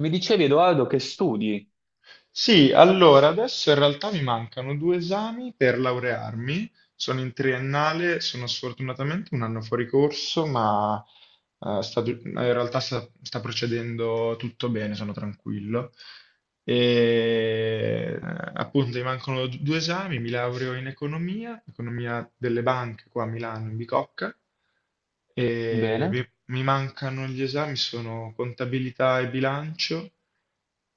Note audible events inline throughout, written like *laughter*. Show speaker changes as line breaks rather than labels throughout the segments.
Mi dicevi, Edoardo, che studi?
Sì, allora adesso in realtà mi mancano due esami per laurearmi. Sono in triennale, sono sfortunatamente un anno fuori corso, ma in realtà sta procedendo tutto bene, sono tranquillo. E appunto mi mancano due esami, mi laureo in economia, economia delle banche qua a Milano, in Bicocca, e
Bene?
mi mancano gli esami, sono contabilità e bilancio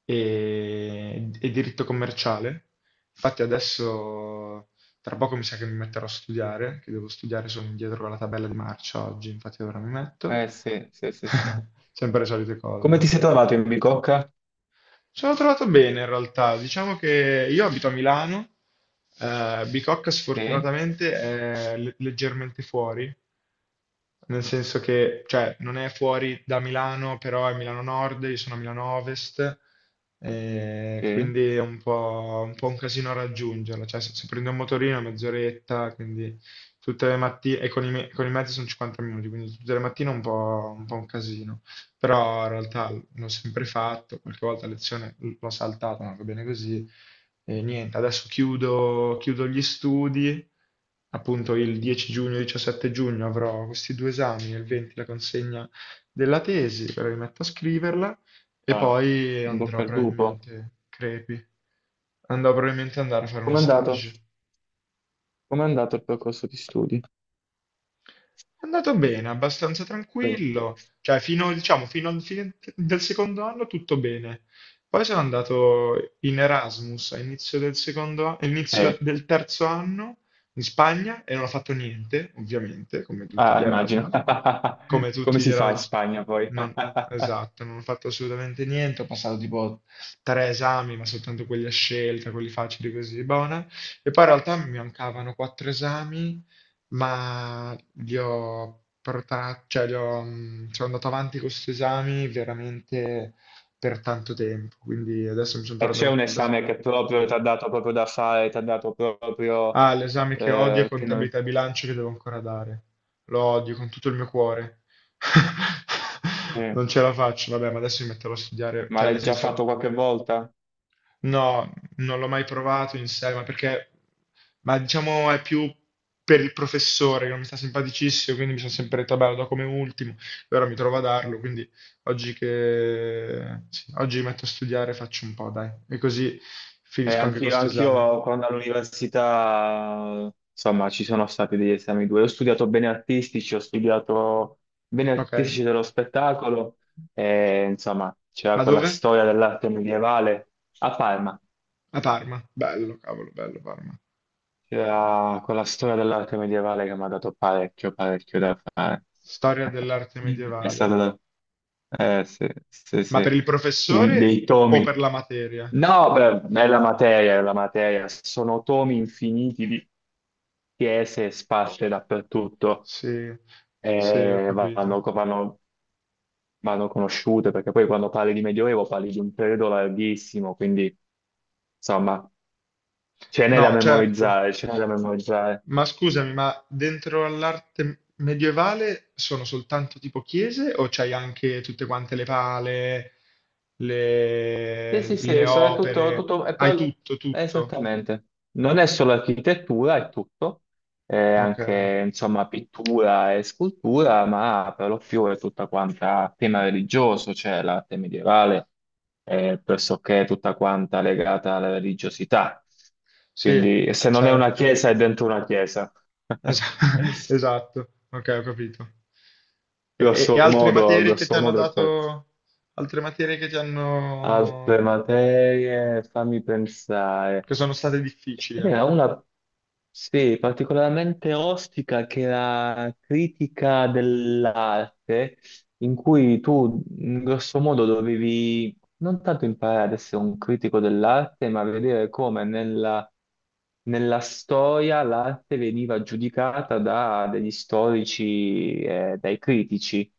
e diritto commerciale. Infatti adesso tra poco mi sa che mi metterò a studiare, che devo studiare, sono indietro con la tabella di marcia oggi, infatti ora mi metto.
Eh sì, sì, sì, sì.
*laughs* Sempre le solite cose,
Come ti
dici.
sei trovato in bicocca?
Ci sono trovato bene in realtà, diciamo che io abito a Milano, Bicocca
Sì,
sfortunatamente è leggermente fuori, nel senso che, cioè, non è fuori da Milano, però è Milano Nord, io sono a Milano Ovest,
sì.
quindi è un po' un casino raggiungerla. Cioè, se prendo un motorino è mezz'oretta, quindi tutte le mattine, e con i mezzi sono 50 minuti, quindi tutte le mattine è un po' un casino. Però in realtà l'ho sempre fatto, qualche volta a lezione l'ho saltata, ma va bene così. E niente, adesso chiudo gli studi, appunto il 10 giugno, 17 giugno avrò questi due esami, il 20 la consegna della tesi, però mi metto a scriverla e
Ah.
poi
In bocca al lupo.
crepi, andrò probabilmente ad andare a fare uno
Com'è andato?
stage.
Com'è andato il percorso di studi?
È andato bene, abbastanza
Prego.
tranquillo, cioè fino, diciamo, fino al fine del secondo anno tutto bene. Poi sono andato in Erasmus all'inizio del secondo,
Sì,
all'inizio del terzo anno in Spagna e non ho fatto niente, ovviamente, come tutti
ah,
gli
immagino.
Erasmus. Come
*laughs* Come
tutti gli
si fa in
Erasmus,
Spagna poi?
non,
*laughs*
esatto, non ho fatto assolutamente niente, ho passato tipo tre esami, ma soltanto quelli a scelta, quelli facili così, buona. E poi in realtà mi mancavano quattro esami, ma li ho portati, cioè sono andato avanti con questi esami veramente per tanto tempo, quindi adesso mi sono
E c'è
tornato...
un
s-
esame che proprio ti ha dato proprio da fare, ti ha dato proprio
Ah, l'esame che odio è
che non...
contabilità e bilancio che devo ancora dare. Lo odio con tutto il mio cuore. *laughs*
eh,
Non ce la faccio, vabbè, ma adesso mi metterò a studiare,
Ma
cioè nel
l'hai già
senso.
fatto qualche volta?
No, non l'ho mai provato in sé, ma diciamo è più per il professore che non mi sta simpaticissimo, quindi mi sono sempre detto, vabbè, lo do come ultimo, e ora mi trovo a darlo, quindi sì, oggi mi metto a studiare, faccio un po', dai, e così finisco anche
Anch'io,
questo esame.
anch'io quando all'università, insomma, ci sono stati degli esami due. Ho studiato bene artistici, ho studiato bene
Ok?
artistici dello spettacolo, e, insomma, c'era
Ma
quella
dove?
storia dell'arte medievale a Parma.
A Parma. Bello, cavolo, bello Parma.
C'era quella storia dell'arte medievale che mi ha dato parecchio, parecchio da fare.
Storia
*laughs*
dell'arte
È
medievale.
stato da... sì, sì,
Ma per
sì.
il
Un- dei
professore o
tomi.
per la materia?
No, beh, è la materia, è la materia. Sono tomi infiniti di chiese sparse dappertutto
Sì, sì, ho
e
capito.
vanno conosciute, perché poi quando parli di Medioevo parli di un periodo larghissimo, quindi insomma ce n'è da
No, certo.
memorizzare, ce n'è da memorizzare.
Ma scusami, ma dentro all'arte medievale sono soltanto tipo chiese o c'hai anche tutte quante le pale,
Sì,
le,
sì,
le
sì, so- è tutto,
opere?
tutto- è
Hai
per-
tutto,
è
tutto.
esattamente. Non è solo architettura, è tutto, è
Ok,
anche, insomma, pittura e scultura, ma per lo più è tutta quanta tema religioso, cioè l'arte medievale è pressoché tutta quanta legata alla religiosità.
sì,
Quindi se non è una
certo.
chiesa, è dentro una chiesa.
Esa-
*laughs*
*laughs* esatto, ok, ho capito. E altre materie che ti
Grosso
hanno
modo è quello.
dato, altre materie che ti hanno,
Altre materie, fammi
che
pensare.
sono state
Ce
difficili,
n'era
ecco.
una, sì, particolarmente ostica che era critica dell'arte, in cui tu in grosso modo dovevi non tanto imparare ad essere un critico dell'arte, ma vedere come nella, nella storia l'arte veniva giudicata da degli storici e dai critici.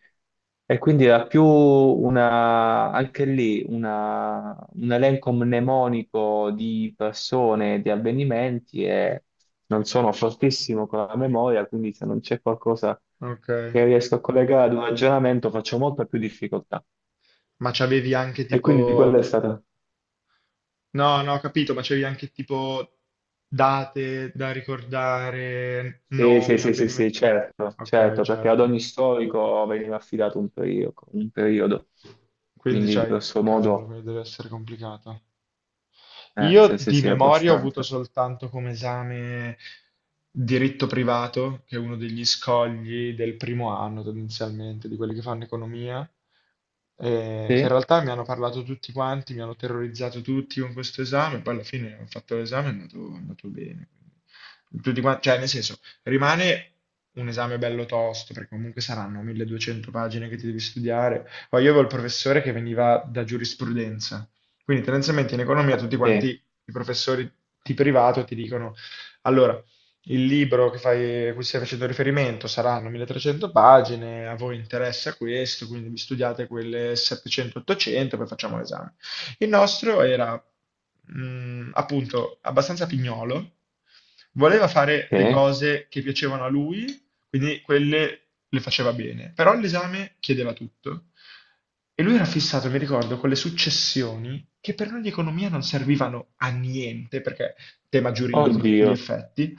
E quindi era più una, anche lì una- un elenco mnemonico di persone, di avvenimenti e non sono fortissimo con la memoria, quindi se non c'è qualcosa
Ok.
che riesco a collegare ad un ragionamento faccio molta più difficoltà.
Ma c'avevi anche
E quindi
tipo.
quella è stata...
No, no, ho capito, ma c'avevi anche tipo date da ricordare,
Sì, sì,
nomi,
sì, sì, sì,
avvenimenti.
certo,
Ok,
certo, perché ad
certo.
ogni storico veniva affidato un periodo, un periodo.
Quindi
Quindi
c'hai.
grosso
Cavolo,
modo,
quello deve essere complicato. Io
sì, sì,
di
sì,
memoria ho avuto
abbastanza.
soltanto come esame diritto privato, che è uno degli scogli del primo anno tendenzialmente, di quelli che fanno economia, che in
Sì,
realtà mi hanno parlato tutti quanti, mi hanno terrorizzato tutti con questo esame, poi alla fine ho fatto l'esame e è andato bene. Quindi cioè nel senso, rimane un esame bello tosto, perché comunque saranno 1200 pagine che ti devi studiare. Poi io avevo il professore che veniva da giurisprudenza, quindi tendenzialmente in economia tutti quanti
sì.
i professori di privato ti dicono, allora, il libro che fai, a cui stai facendo riferimento saranno 1300 pagine, a voi interessa questo, quindi vi studiate quelle 700-800, poi facciamo l'esame. Il nostro era appunto abbastanza pignolo, voleva fare le
Sì?
cose che piacevano a lui, quindi quelle le faceva bene, però l'esame chiedeva tutto. E lui era fissato, mi ricordo, con le successioni che per noi di economia non servivano a niente, perché tema giuridico a tutti gli
Oddio,
effetti,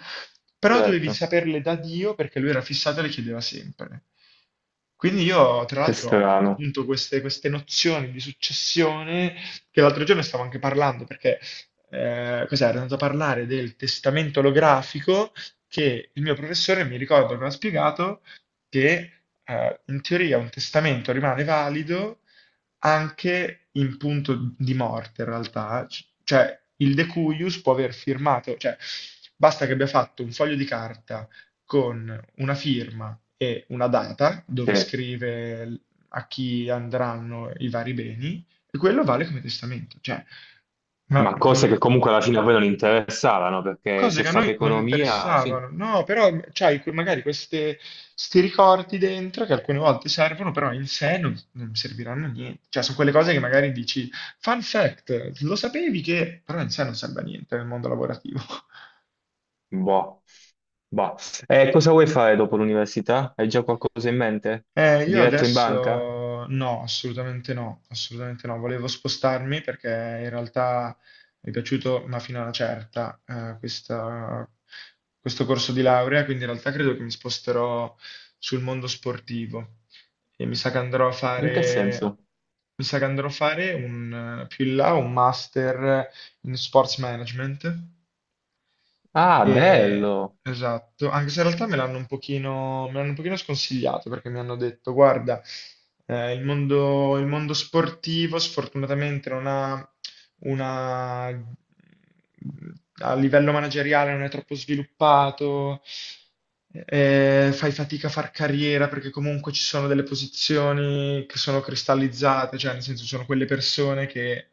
però dovevi
certo,
saperle da Dio perché lui era fissato e le chiedeva sempre. Quindi io, tra
che
l'altro, ho
strano.
appunto queste nozioni di successione, che l'altro giorno stavo anche parlando, perché cos'era? Ero andato a parlare del testamento olografico, che il mio professore mi ricordo che mi ha spiegato che, in teoria un testamento rimane valido anche in punto di morte, in realtà, cioè il decuius può aver firmato, cioè basta che abbia fatto un foglio di carta con una firma e una data
Sì.
dove scrive a chi andranno i vari beni, e quello vale come testamento, cioè, ma,
Ma
mm,
cose che comunque alla fine a voi non interessavano, perché
cose
se
che a
fate
noi non
economia, fi-
interessavano, no, però c'hai magari questi ricordi dentro che alcune volte servono, però in sé non serviranno a niente, cioè sono quelle cose che magari dici, fun fact, lo sapevi che, però in sé non serve a niente nel mondo lavorativo. *laughs*
boh. Boh. E cosa vuoi fare dopo l'università? Hai già qualcosa in mente?
Io
Diretto in banca?
adesso no, assolutamente no, assolutamente no. Volevo spostarmi perché in realtà mi è piaciuto, ma fino a una certa, questo corso di laurea, quindi in realtà credo che mi sposterò sul mondo sportivo e mi sa che andrò a
In che
fare,
senso?
mi sa che andrò a fare un, più in là un master in sports management
Ah,
e-
bello!
esatto, anche se in realtà me l'hanno un pochino sconsigliato perché mi hanno detto, guarda, il mondo sportivo sfortunatamente non ha una. A livello manageriale non è troppo sviluppato, fai fatica a far carriera perché comunque ci sono delle posizioni che sono cristallizzate, cioè nel senso sono quelle persone che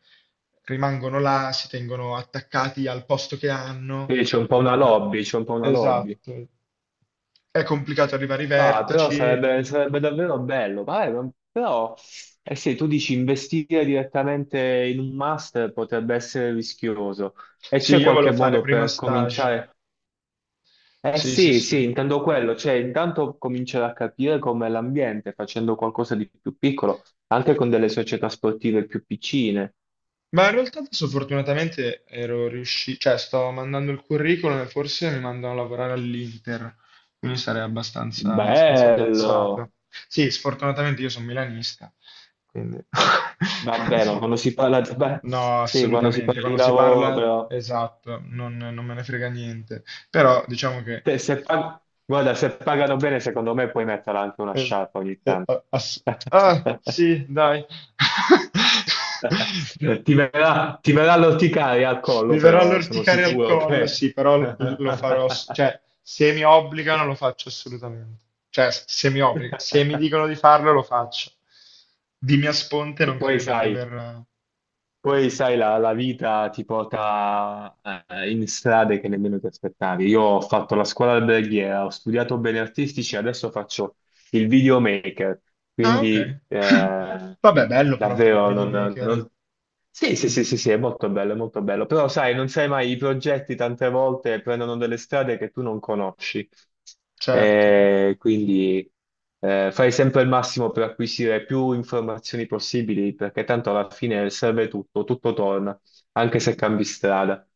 rimangono là, si tengono attaccati al posto che hanno.
Quindi c'è un po' una
No,
lobby, c'è un po' una lobby.
esatto. È complicato arrivare ai
Ah, però
vertici.
sarebbe, sarebbe davvero bello, ma- però eh sì, tu dici investire direttamente in un master potrebbe essere rischioso e
Sì,
c'è
io
qualche
volevo fare
modo
prima
per
stage.
cominciare? Eh
Sì, sì,
sì,
sì.
sì, intendo quello, cioè intanto cominciare a capire com'è l'ambiente facendo qualcosa di più piccolo, anche con delle società sportive più piccine.
Ma in realtà adesso fortunatamente ero riuscito, cioè sto mandando il curriculum e forse mi mandano a lavorare all'Inter, quindi sarei abbastanza, abbastanza piazzato.
Bello!
Sì, sfortunatamente io sono milanista, quindi
Vabbè, ma quando si parla di...
*laughs*
beh,
no,
sì, quando si
assolutamente.
parla di
Quando si
lavoro
parla,
però...
esatto, non me ne frega niente. Però diciamo che
Se- se pag- Guarda, se pagano bene, secondo me puoi mettere anche una
Eh,
sciarpa ogni
eh,
tanto.
a- ass-
*laughs*
sì, dai. *laughs*
Ti verrà l'orticaria al
Mi
collo,
verrà
però sono
l'orticaria al
sicuro
collo,
che...
sì, però
*laughs*
lo farò, cioè, se mi obbligano lo faccio assolutamente. Cioè, se mi obbligano, se mi dicono di farlo lo faccio. Di mia sponte
E
non
poi
credo che
sai,
verrà.
poi, sai, la vita ti porta in strade che nemmeno ti aspettavi. Io ho fatto la scuola alberghiera, ho studiato beni artistici, adesso faccio il videomaker,
Ah, ok.
quindi
*laughs* Vabbè, bello però fare il
davvero non,
videomaker,
non- sì, sì, sì, sì, sì, è molto bello, è molto bello. Però sai, non sai mai, i progetti tante volte prendono delle strade che tu non conosci.
certo.
Quindi fai sempre il massimo per acquisire più informazioni possibili, perché tanto alla fine serve tutto, tutto torna, anche se cambi strada,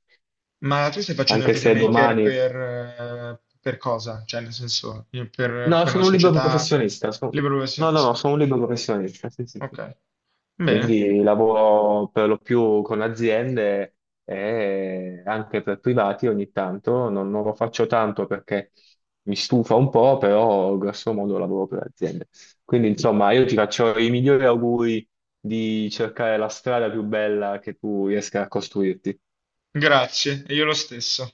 Ma tu stai facendo il
anche se
videomaker
domani
per cosa? Cioè, nel senso, io per,
No,
per una
sono un libero
società
professionista. Sono-
libero
No, no, no,
professionista.
sono un libero professionista. Sì, sì, sì.
Ok, bene,
Quindi lavoro per lo più con aziende e anche per privati ogni tanto. Non, non lo faccio tanto perché mi stufa un po', però grosso modo lavoro per aziende. Quindi, insomma, io ti faccio i migliori auguri di cercare la strada più bella che tu riesca a costruirti.
grazie, e io lo stesso.